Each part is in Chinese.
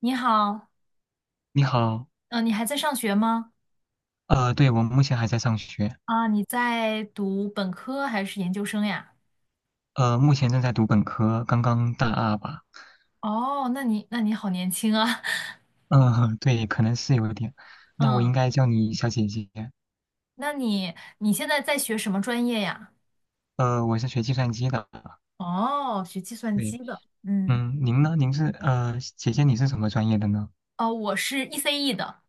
你好。你好，嗯、你还在上学吗？对，我目前还在上学，啊，你在读本科还是研究生呀？目前正在读本科，刚刚大二吧，哦，那你好年轻啊，嗯、对，可能是有点，那我嗯，应该叫你小姐姐，那你你现在在学什么专业呀？我是学计算机的，哦，学计算对，机的，嗯。嗯，您呢？您是姐姐你是什么专业的呢？哦，我是 ECE 的，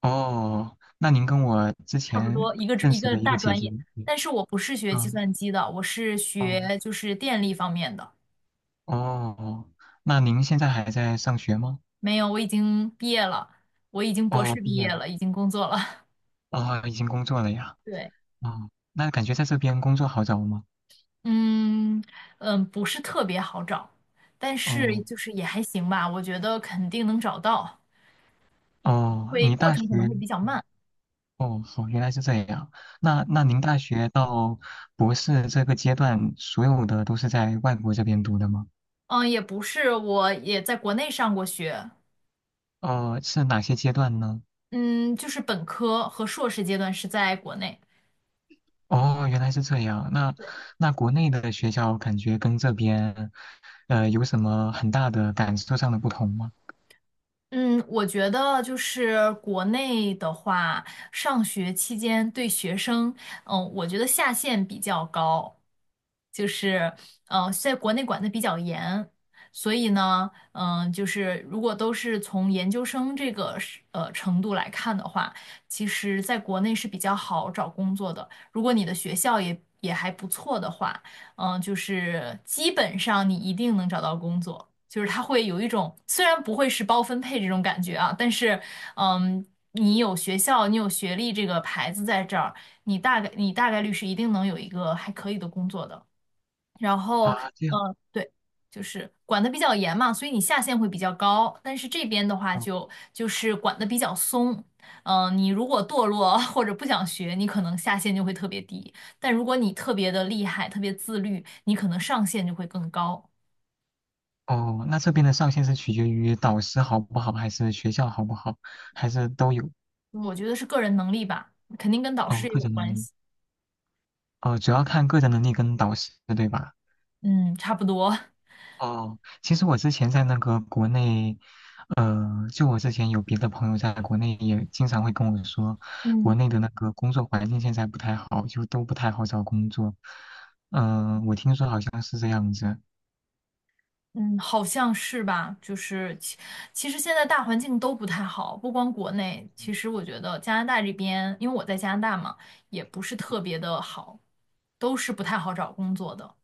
哦，那您跟我之差不前多一个认一识个的一大个姐专姐，业，对，但是我不是学计嗯，算机的，我是哦，学就是电力方面的。哦，那您现在还在上学吗？没有，我已经毕业了，我已经博哦，士毕毕业业了了，已经工作了。哦，已经工作了呀，对。哦，那感觉在这边工作好找吗？嗯嗯，不是特别好找，但是哦。就是也还行吧，我觉得肯定能找到，哦，会你过大学程可能会比较慢。哦，好，原来是这样。那那您大学到博士这个阶段，所有的都是在外国这边读的吗？嗯，也不是，我也在国内上过学。哦，是哪些阶段呢？嗯，就是本科和硕士阶段是在国内。哦，原来是这样。那国内的学校感觉跟这边，有什么很大的感受上的不同吗？嗯，我觉得就是国内的话，上学期间对学生，嗯，我觉得下限比较高，就是在国内管得比较严，所以呢，嗯，就是如果都是从研究生这个是程度来看的话，其实在国内是比较好找工作的。如果你的学校也还不错的话，嗯、就是基本上你一定能找到工作，就是它会有一种虽然不会是包分配这种感觉啊，但是嗯，你有学校，你有学历这个牌子在这儿，你大概率是一定能有一个还可以的工作的。然后，啊，这样。嗯，对，就是管得比较严嘛，所以你下限会比较高。但是这边的话就是管得比较松，嗯、你如果堕落 或者不想学，你可能下限就会特别低；但如果你特别的厉害、特别自律，你可能上限就会更高。哦，哦那这边的上限是取决于导师好不好，还是学校好不好，还是都有？我觉得是个人能力吧，肯定跟导哦，师也个有人能关力。系。哦，主要看个人能力跟导师，对吧？嗯，差不多。哦，其实我之前在那个国内，呃，就我之前有别的朋友在国内也经常会跟我说，嗯。国内的那个工作环境现在不太好，就都不太好找工作。嗯、我听说好像是这样子。嗯，好像是吧，就是其实现在大环境都不太好，不光国内，其实我觉得加拿大这边，因为我在加拿大嘛，也不是特别的好，都是不太好找工作的。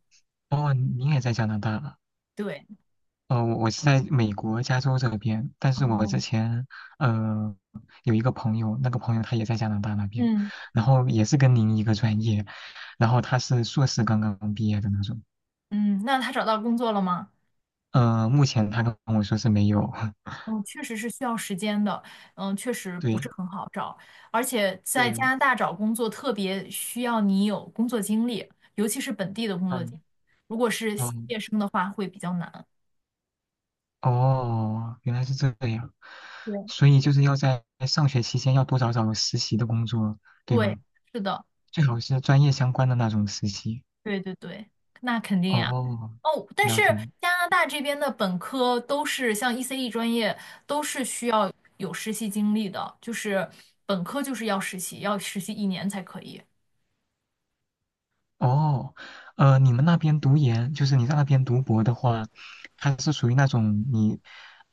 哦，你也在加拿大啊对。哦，我是在美国加州这边，但是我哦。之前呃有一个朋友，那个朋友他也在加拿大那边，嗯然后也是跟您一个专业，然后他是硕士刚刚毕业的那种。嗯，那他找到工作了吗？目前他跟我说是没有，嗯，确实是需要时间的，嗯，确实不对是很好找，而且在加对，拿大找工作特别需要你有工作经历，尤其是本地的工作嗯经历，如果是毕嗯，业生的话会比较难。哦，原来是这样，对。所以就是要在上学期间要多找找实习的工作，对对，吗？是的。最好是专业相关的那种实习。对对对，那肯定呀。哦，哦，但是了解加拿大这边的本科都是像 ECE 专业，都是需要有实习经历的，就是本科就是要实习，要实习一年才可以。哦，你们那边读研，就是你在那边读博的话，它是属于那种你，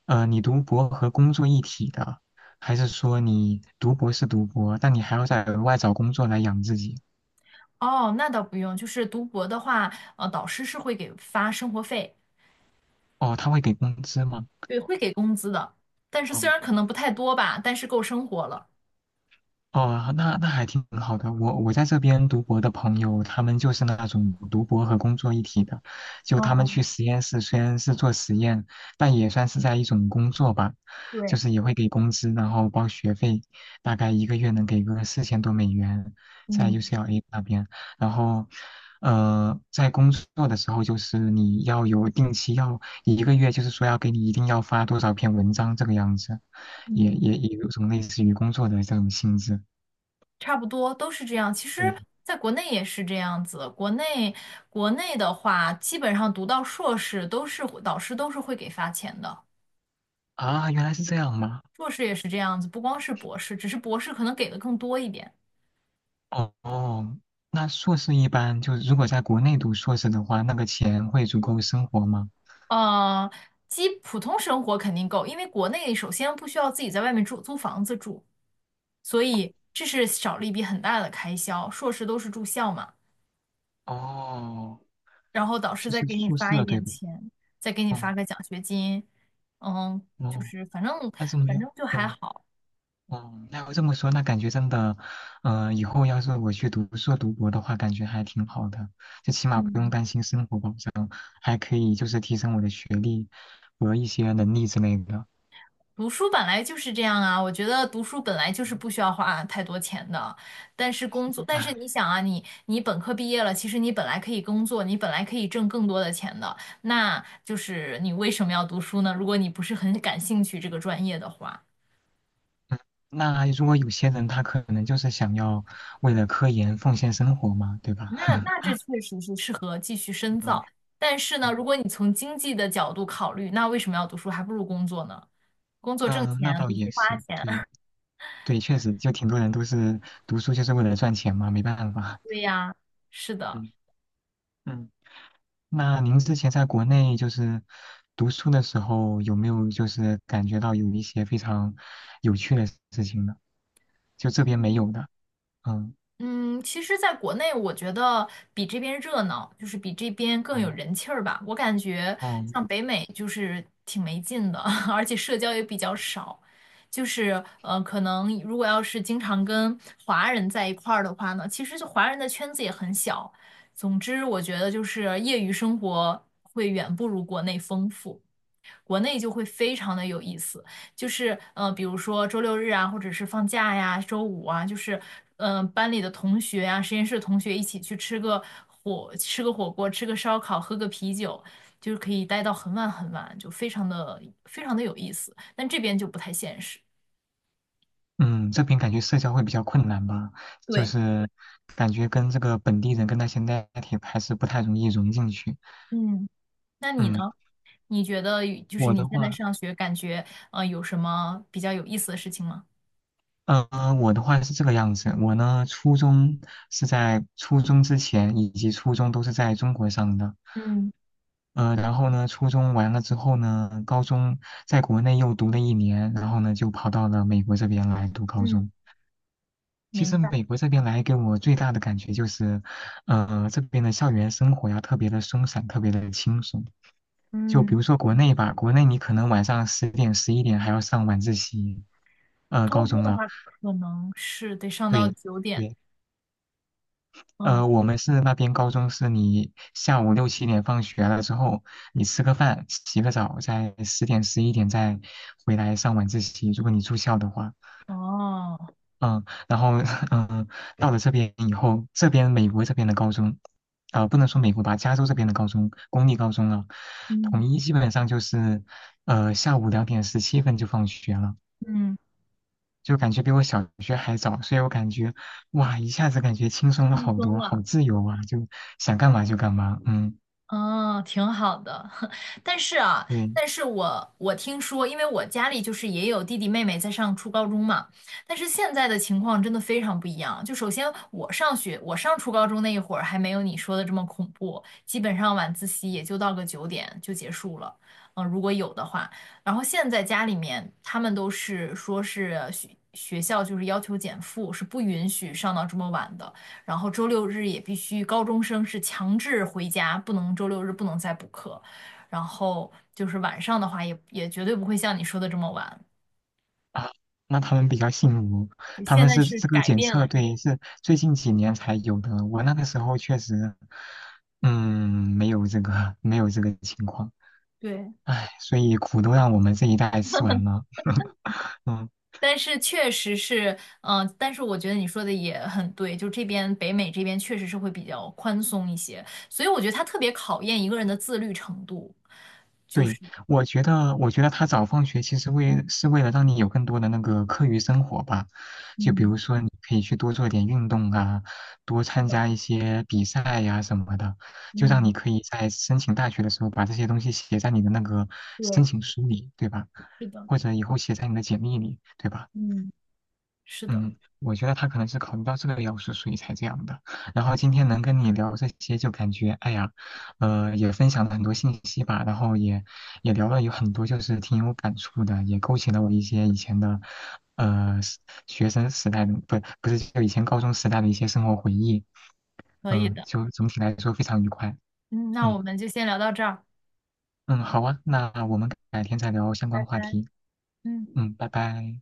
你读博和工作一体的，还是说你读博是读博，但你还要再额外找工作来养自己？哦，那倒不用，就是读博的话，呃，导师是会给发生活费。哦，他会给工资吗？对，会给工资的，但是虽哦，然可能不太多吧，但是够生活了。哦，那还挺好的。我在这边读博的朋友，他们就是那种读博和工作一体的，就他们哦。去实验室虽然是做实验，但也算是在一种工作吧，对，就是也会给工资，然后包学费，大概一个月能给个四千多美元，在 嗯 UCLA 那边。然后，在工作的时候，就是你要有定期要一个月，就是说要给你一定要发多少篇文章这个样子，也嗯。也也有种类似于工作的这种性质。差不多都是这样。其实，对在国内也是这样子。国内的话，基本上读到硕士导师都是会给发钱的，啊，原来是这样吗？硕士也是这样子，不光是博士，只是博士可能给的更多一点。哦哦，那硕士一般就是如果在国内读硕士的话，那个钱会足够生活吗？呃，基普通生活肯定够，因为国内首先不需要自己在外面住租房子住，所以这是少了一笔很大的开销。硕士都是住校嘛。哦，然后导师就再是给你宿发一舍对点吧？钱，再给你发哦个奖学金，嗯，就哦，是反正那这么反样正就的，还嗯好。哦，那要这么说，那感觉真的，以后要是我去读硕读博的话，感觉还挺好的，就起码不用嗯，担心生活保障，还可以就是提升我的学历和一些能力之类的。读书本来就是这样啊，我觉得读书本来就是不需要花太多钱的，但是工作，但是 你想啊，你本科毕业了，其实你本来可以工作，你本来可以挣更多的钱的，那就是你为什么要读书呢？如果你不是很感兴趣这个专业的话。那如果有些人他可能就是想要为了科研奉献生活嘛，对吧？那 这确实是适合继续深嗯造，但是呢，如嗯果你从经济的角度考虑，那为什么要读书？还不如工作呢，工作挣嗯，那钱，倒读也书花是，钱。对 对，确实就挺多人都是读书就是为了赚钱嘛，没办法。对呀，是的。嗯嗯，那您之前在国内就是读书的时候，有没有就是感觉到有一些非常有趣的事情呢？就这边没有的。嗯嗯，其实，在国内，我觉得比这边热闹，就是比这边更有嗯人气儿吧。我感觉嗯。像北美就是挺没劲的，而且社交也比较少。就是呃，可能如果要是经常跟华人在一块儿的话呢，其实就华人的圈子也很小。总之，我觉得就是业余生活会远不如国内丰富。国内就会非常的有意思，就是呃，比如说周六日啊，或者是放假呀，周五啊，就是嗯、呃，班里的同学啊，实验室的同学一起去吃个火锅，吃个烧烤，喝个啤酒，就是可以待到很晚很晚，就非常的有意思。但这边就不太现实。嗯，这边感觉社交会比较困难吧，就对。是感觉跟这个本地人跟那些 native 还是不太容易融进去。嗯，那你呢？嗯，你觉得就是我你的现在话，上学，感觉呃有什么比较有意思的事情吗？呃，我的话是这个样子，我呢初中是在初中之前以及初中都是在中国上的，嗯然后呢初中完了之后呢，高中在国内又读了一年，然后呢就跑到了美国这边来读高嗯，中。其明实白。美国这边来给我最大的感觉就是，这边的校园生活呀特别的松散，特别的轻松。就比如嗯。说国内吧，国内你可能晚上十点、十一点还要上晚自习，高高中中的啊，话，可能是得上到对九点。对，嗯。我们是那边高中是你下午六七点放学了之后，你吃个饭、洗个澡，在十点、十一点再回来上晚自习，如果你住校的话。哦。嗯，然后，嗯、到了这边以后，这边美国这边的高中，啊、不能说美国吧，加州这边的高中，公立高中了，统嗯。一基本上就是，下午2:17就放学了，嗯，就感觉比我小学还早，所以我感觉，哇，一下子感觉轻松了轻好松多，好了。自由啊，就想干嘛就干嘛，嗯，哦，挺好的，但是啊，对，但是我听说，因为我家里就是也有弟弟妹妹在上初高中嘛，但是现在的情况真的非常不一样。就首先我上学，我上初高中那一会儿还没有你说的这么恐怖，基本上晚自习也就到个九点就结束了，嗯、如果有的话。然后现在家里面他们都是说是学校就是要求减负，是不允许上到这么晚的。然后周六日也必须高中生是强制回家，不能周六日不能再补课。然后就是晚上的话也，也绝对不会像你说的这么晚。啊，那他们比较幸福，对，他现们在是是这个改检变测，了。对，是最近几年才有的。我那个时候确实，嗯，没有这个，没有这个情况。对。唉，所以苦都让我们这一代吃完了。嗯。但是确实是，嗯、但是我觉得你说的也很对，就这边北美这边确实是会比较宽松一些，所以我觉得它特别考验一个人的自律程度。对，我觉得，我觉得他早放学其实为了让你有更多的那个课余生活吧，就比嗯，如说你可以去多做点运动啊，多是参的。加一些比赛呀、什么的，就让嗯，你可以在申请大学的时候把这些东西写在你的那个申对，请书里，对吧？是的。或者以后写在你的简历里，对吧？嗯，是的。嗯，我觉得他可能是考虑到这个要素，所以才这样的。然后今天能跟你聊这些，就感觉哎呀，也分享了很多信息吧，然后也聊了有很多，就是挺有感触的，也勾起了我一些以前的，呃，时学生时代的，不是就以前高中时代的一些生活回忆。可以嗯，的。就总体来说非常愉快。嗯，那我嗯们就先聊到这儿。嗯，好啊，那我嗯，们改天再聊相拜关话拜。题。嗯，嗯，拜拜。